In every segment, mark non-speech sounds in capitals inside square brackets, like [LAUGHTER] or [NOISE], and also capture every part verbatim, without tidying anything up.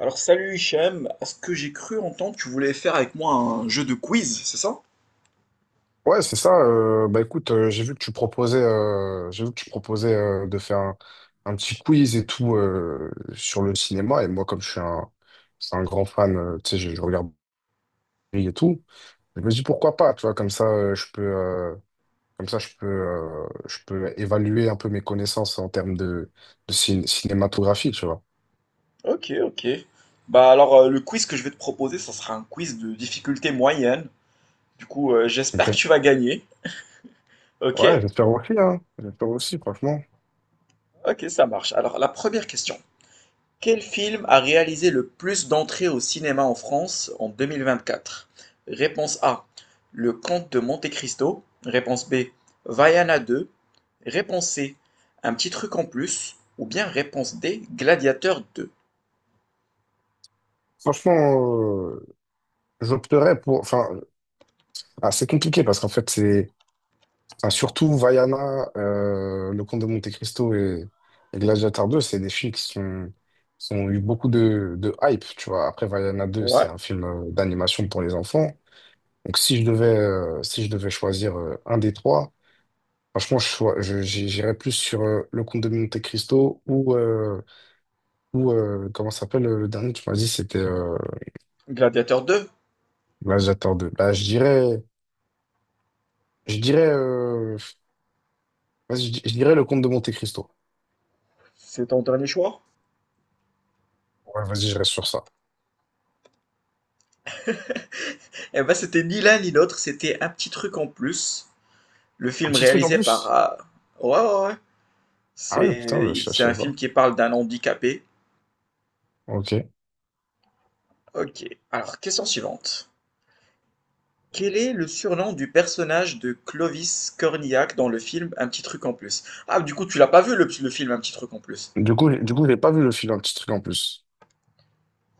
Alors salut Hichem, à ce que j'ai cru entendre, tu voulais faire avec moi un jeu de quiz, c'est ça? Ouais, c'est ça. Euh, bah écoute, euh, j'ai vu que tu proposais, euh, j'ai vu que tu proposais euh, de faire un, un petit quiz et tout euh, sur le cinéma. Et moi, comme je suis un, je suis un grand fan, euh, tu sais, je, je regarde et tout. Je me dis pourquoi pas, tu vois, comme ça, euh, je peux, euh, comme ça, je peux, euh, je peux évaluer un peu mes connaissances en termes de, de cin- cinématographie, tu vois. Ok, ok. Bah alors euh, le quiz que je vais te proposer, ça sera un quiz de difficulté moyenne. Du coup, euh, j'espère que tu Ok. vas gagner. Ok? Ouais, j'espère aussi, hein. J'espère aussi, franchement. Ok, ça marche. Alors la première question. Quel film a réalisé le plus d'entrées au cinéma en France en deux mille vingt-quatre? Réponse A. Le Comte de Monte-Cristo. Réponse B. Vaiana deux. Réponse C. Un petit truc en plus. Ou bien réponse D. Gladiateur deux. Franchement, euh, j'opterais pour. Enfin, ah, c'est compliqué parce qu'en fait, c'est Ah, surtout Vaiana, euh, Le Comte de Monte-Cristo et, et Gladiator deux, c'est des films qui sont, qui ont eu beaucoup de, de hype, tu vois. Après, Vaiana deux, c'est Ouais, un film euh, d'animation pour les enfants. Donc, si je devais, euh, si je devais choisir euh, un des trois, franchement, je, choi- je- j'i- j'irais plus sur euh, Le Comte de Monte-Cristo ou, euh, ou euh, comment ça s'appelle euh, le dernier, tu m'as dit, c'était euh, Gladiateur deux. Gladiator deux. Bah, je dirais, je dirais, euh, vas-y, je, di- je dirais Le Comte de Monte-Cristo. C'est ton dernier choix? Ouais, vas-y, je reste sur ça. Eh ben c'était ni l'un ni l'autre, c'était un petit truc en plus. Le Un film petit truc en réalisé par... plus? euh, Ouais, ouais, ouais. Ah ouais, putain, C'est, je, je c'est un savais film pas. qui parle d'un handicapé. Ok. Ok. Alors, question suivante. Quel est le surnom du personnage de Clovis Cornillac dans le film Un petit truc en plus? Ah, du coup, tu l'as pas vu le, le film Un petit truc en plus. Du coup, du coup, j'ai pas vu le film, un petit truc en plus.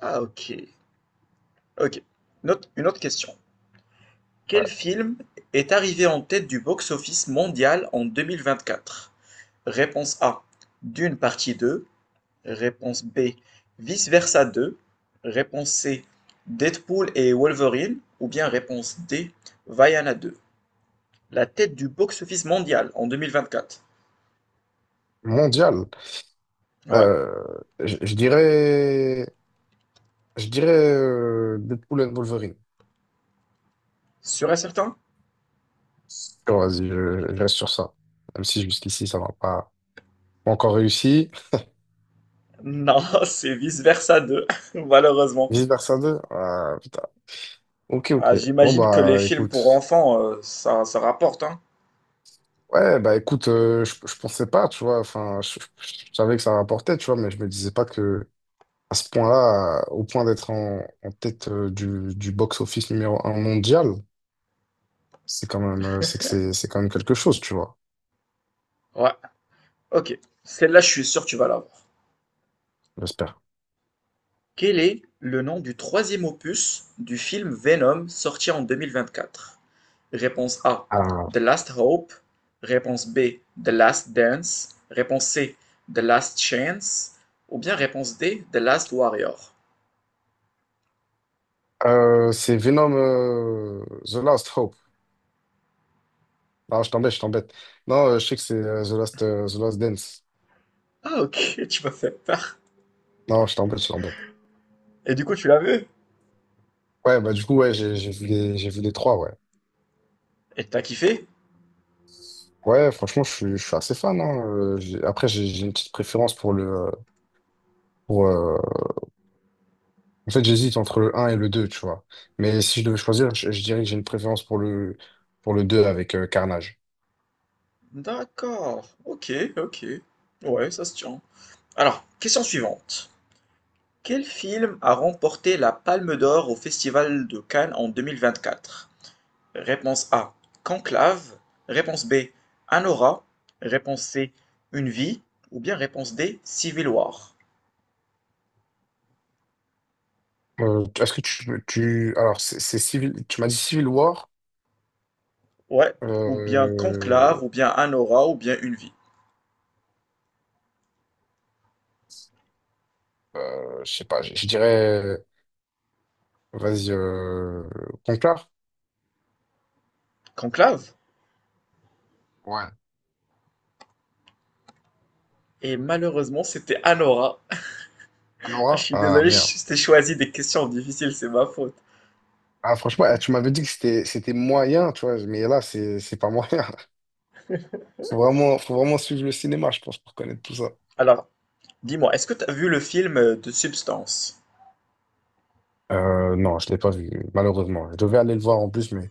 Ah, ok. Ok. Une autre, une autre question. Quel Ouais. film est arrivé en tête du box-office mondial en deux mille vingt-quatre? Réponse A. Dune partie deux. Réponse B. Vice versa deux. Réponse C. Deadpool et Wolverine. Ou bien réponse D. Vaiana deux. La tête du box-office mondial en deux mille vingt-quatre. Mondial. Ouais. Euh, je, je dirais, je dirais euh, Deadpool and Wolverine. Sûr et certain? Bon, vas-y, je, je reste sur ça. Même si jusqu'ici, ça m'a pas pas encore réussi. Non, [LAUGHS] c'est Vice-Versa deux. [LAUGHS] malheureusement. Vice versa deux. Ah, putain. Ok, Ah, ok. Bon, j'imagine que les bah, films pour écoute. enfants, heu, ça ça rapporte, hein? Ouais, bah, écoute, euh, je, je pensais pas, tu vois. Enfin, je, je- je savais que ça rapportait, tu vois, mais je me disais pas que à ce point-là, euh, au point d'être en, en tête euh, du, du box-office numéro un mondial, c'est quand même, euh, c'est que c'est, c'est quand même quelque chose, tu vois. Ouais, OK. Celle-là, je suis sûr que tu vas l'avoir. J'espère. Quel est le nom du troisième opus du film Venom sorti en deux mille vingt-quatre? Réponse A: Ah. The Last Hope. Réponse B: The Last Dance. Réponse C: The Last Chance. Ou bien réponse D: The Last Warrior. Euh, c'est Venom euh, The Last Hope. Non, je t'embête, je t'embête. Non, euh, je sais que c'est euh, The Last, euh, The Last Dance. Ah OK, [LAUGHS] tu m'as fait peur. Non, je t'embête, je t'embête. Et du coup, tu l'as vu? Ouais, bah du coup, ouais, j'ai j'ai vu les, j'ai vu les trois, ouais. Et t'as kiffé? Ouais, franchement, je suis, je suis assez fan, hein. Euh, j'ai- Après, j'ai j'ai une petite préférence pour le, euh, pour, euh, en fait, j'hésite entre le un et le deux, tu vois. Mais si je devais choisir, je, je dirais que j'ai une préférence pour le, pour le deux avec euh, Carnage. D'accord. Ok, ok. Ouais, ça se tient. Alors, question suivante. Quel film a remporté la Palme d'Or au Festival de Cannes en deux mille vingt-quatre? Réponse A, Conclave. Réponse B, Anora. Réponse C, Une vie. Ou bien réponse D, Civil War. Euh, est-ce que tu, tu... Alors, c'est c'est Civil... Tu m'as dit Civil War. Ouais, ou bien Euh... Conclave, ou bien Anora, ou bien Une vie. euh, je sais pas, je, je dirais... Vas-y, euh... Conclave? Conclave? Ouais. Et malheureusement, c'était Anora. [LAUGHS] Ah, je Anora? suis Ah, désolé, je merde. je t'ai choisi des questions difficiles, c'est ma faute. Ah, franchement, eh, tu m'avais dit que c'était c'était moyen, tu vois. Mais là, c'est c'est pas moyen. [LAUGHS] Faut vraiment, faut vraiment suivre le cinéma, je pense, pour connaître tout ça. Alors, dis-moi, est-ce que tu as vu le film euh, de Substance? Euh, non, je l'ai pas vu, malheureusement. Je devais aller le voir en plus, mais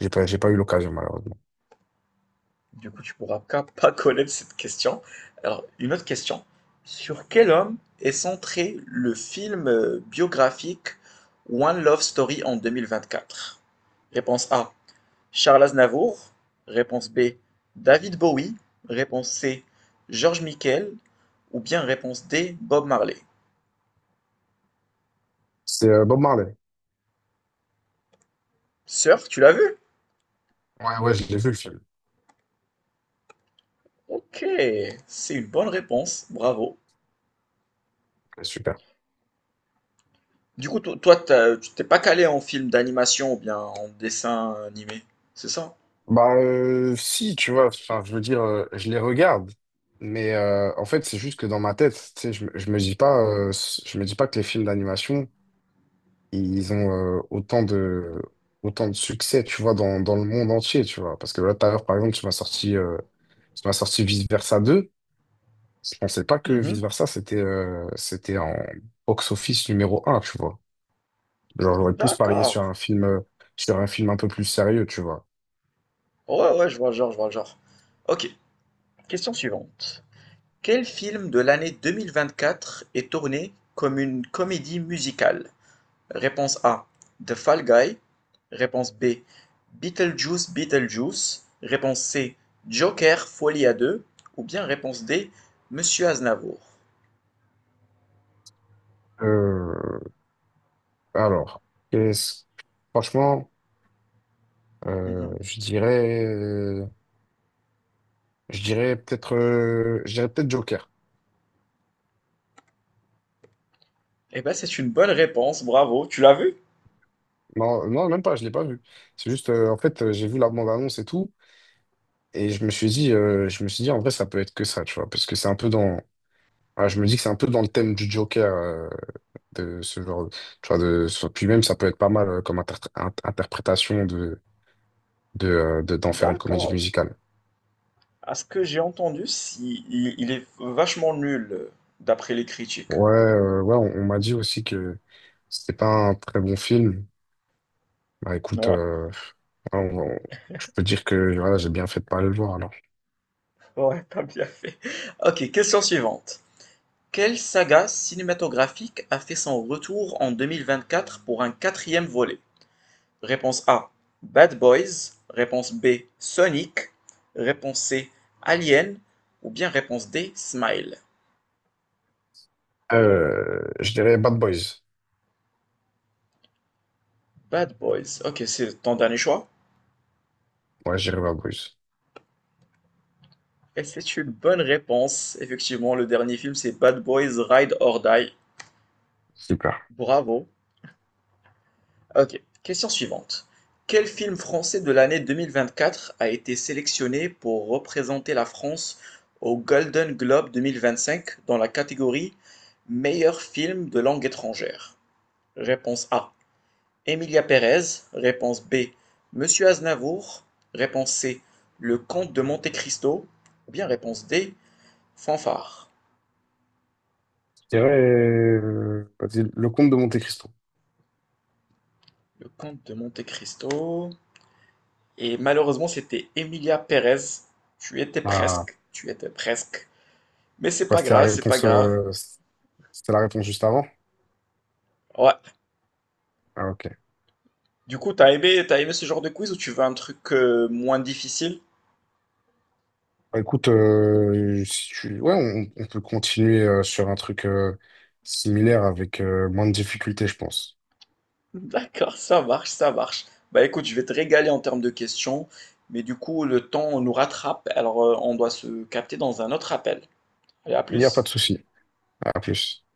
j'ai pas, j'ai pas eu l'occasion, malheureusement. Du coup, tu pourras pas [LAUGHS] pas connaître cette question. Alors, une autre question. Sur quel homme est centré le film euh, biographique One Love Story en deux mille vingt-quatre? Réponse A, Charles Aznavour. Réponse B, David Bowie. Réponse C, George Michael. Ou bien réponse D, Bob Marley. C'est euh, Bob Marley. Sœur, tu l'as vu? Ouais, ouais, je l'ai vu le film. Ok, c'est une bonne réponse. Bravo. Ouais, super. Du coup, to- toi, t'as- tu t'es pas calé en film d'animation ou bien en dessin animé, c'est ça? Bah, euh, si, tu vois, enfin, je veux dire, euh, je les regarde, mais euh, en fait, c'est juste que dans ma tête, tu sais, je, me- je me dis pas, euh, je me dis pas que les films d'animation, ils ont euh, autant de, autant de succès, tu vois, dans, dans le monde entier, tu vois. Parce que là, tout à l'heure, par exemple, tu m'as sorti, euh, tu m'as sorti Vice Versa deux. Je pensais pas que Mhm. Vice Versa, c'était euh, c'était en box-office numéro un, tu vois. Genre, j'aurais plus parié sur D'accord. un film, euh, sur un film un peu plus sérieux, tu vois. Ouais, ouais, je vois le genre, je vois le genre. Ok, question suivante. Quel film de l'année deux mille vingt-quatre est tourné comme une comédie musicale? Réponse A, The Fall Guy. Réponse B, Beetlejuice, Beetlejuice. Réponse C, Joker, Folie à deux. Ou bien réponse D, Monsieur Aznavour. Euh, alors, qu'est-ce- franchement, euh, Mhm. je dirais, euh, je dirais peut-être, euh, je dirais peut-être Joker. Eh ben, c'est une bonne réponse, bravo. Tu l'as vu? Non, non, même pas, je l'ai pas vu. C'est juste, euh, en fait, euh, j'ai vu la bande-annonce et tout. Et je me suis dit, euh, je me suis dit, en vrai, ça peut être que ça, tu vois, parce que c'est un peu dans. Ah, je me dis que c'est un peu dans le thème du Joker, euh, de ce genre, tu vois, de, sur- puis même, ça peut être pas mal euh, comme interpr- in- interprétation de, de, euh, de- d'en faire une comédie D'accord. musicale. À ce que j'ai entendu, si, il, il est vachement nul, euh, d'après les critiques. Ouais, euh, ouais, on, on m'a dit aussi que c'était pas un très bon film. Bah écoute, Ouais, euh, ouais, on- on- je peux dire que voilà, j'ai bien fait de pas aller le voir alors. ouais, t'as bien fait. Ok, question suivante. Quelle saga cinématographique a fait son retour en deux mille vingt-quatre pour un quatrième volet? Réponse A, Bad Boys. Réponse B, Sonic. Réponse C, Alien. Ou bien réponse D, Smile. Euh, je dirais Bad Boys. Bad Boys. Ok, c'est ton dernier choix? Ouais, je dirais Bad Boys. Et c'est une bonne réponse. Effectivement, le dernier film, c'est Bad Boys Ride or Die. Super. Bravo. Ok, question suivante. Quel film français de l'année deux mille vingt-quatre a été sélectionné pour représenter la France au Golden Globe deux mille vingt-cinq dans la catégorie Meilleur film de langue étrangère? Réponse A. Emilia Pérez. Réponse B. Monsieur Aznavour. Réponse C. Le Comte de Monte Cristo. Ou bien réponse D. Fanfare. Je dirais, euh, vas-y, le comte de Monte-Cristo. Le comte de Monte-Cristo. Et malheureusement, c'était Emilia Pérez. Tu étais Ah, presque. Tu étais presque. Mais c'est quoi, pas c'était la grave, c'est pas réponse, grave. euh, c'était la réponse juste avant? Ouais. Ah, ok. Du coup, t'as aimé, t'as aimé ce genre de quiz ou tu veux un truc euh, moins difficile? Bah, écoute, euh, si tu... ouais, on, on peut continuer euh, sur un truc euh, similaire avec euh, moins de difficultés, je pense. [LAUGHS] D'accord, ça marche, ça marche. Bah écoute, je vais te régaler en termes de questions, mais du coup, le temps nous rattrape, alors euh, on doit se capter dans un autre appel. Allez, à Il n'y a pas plus. de souci. À plus.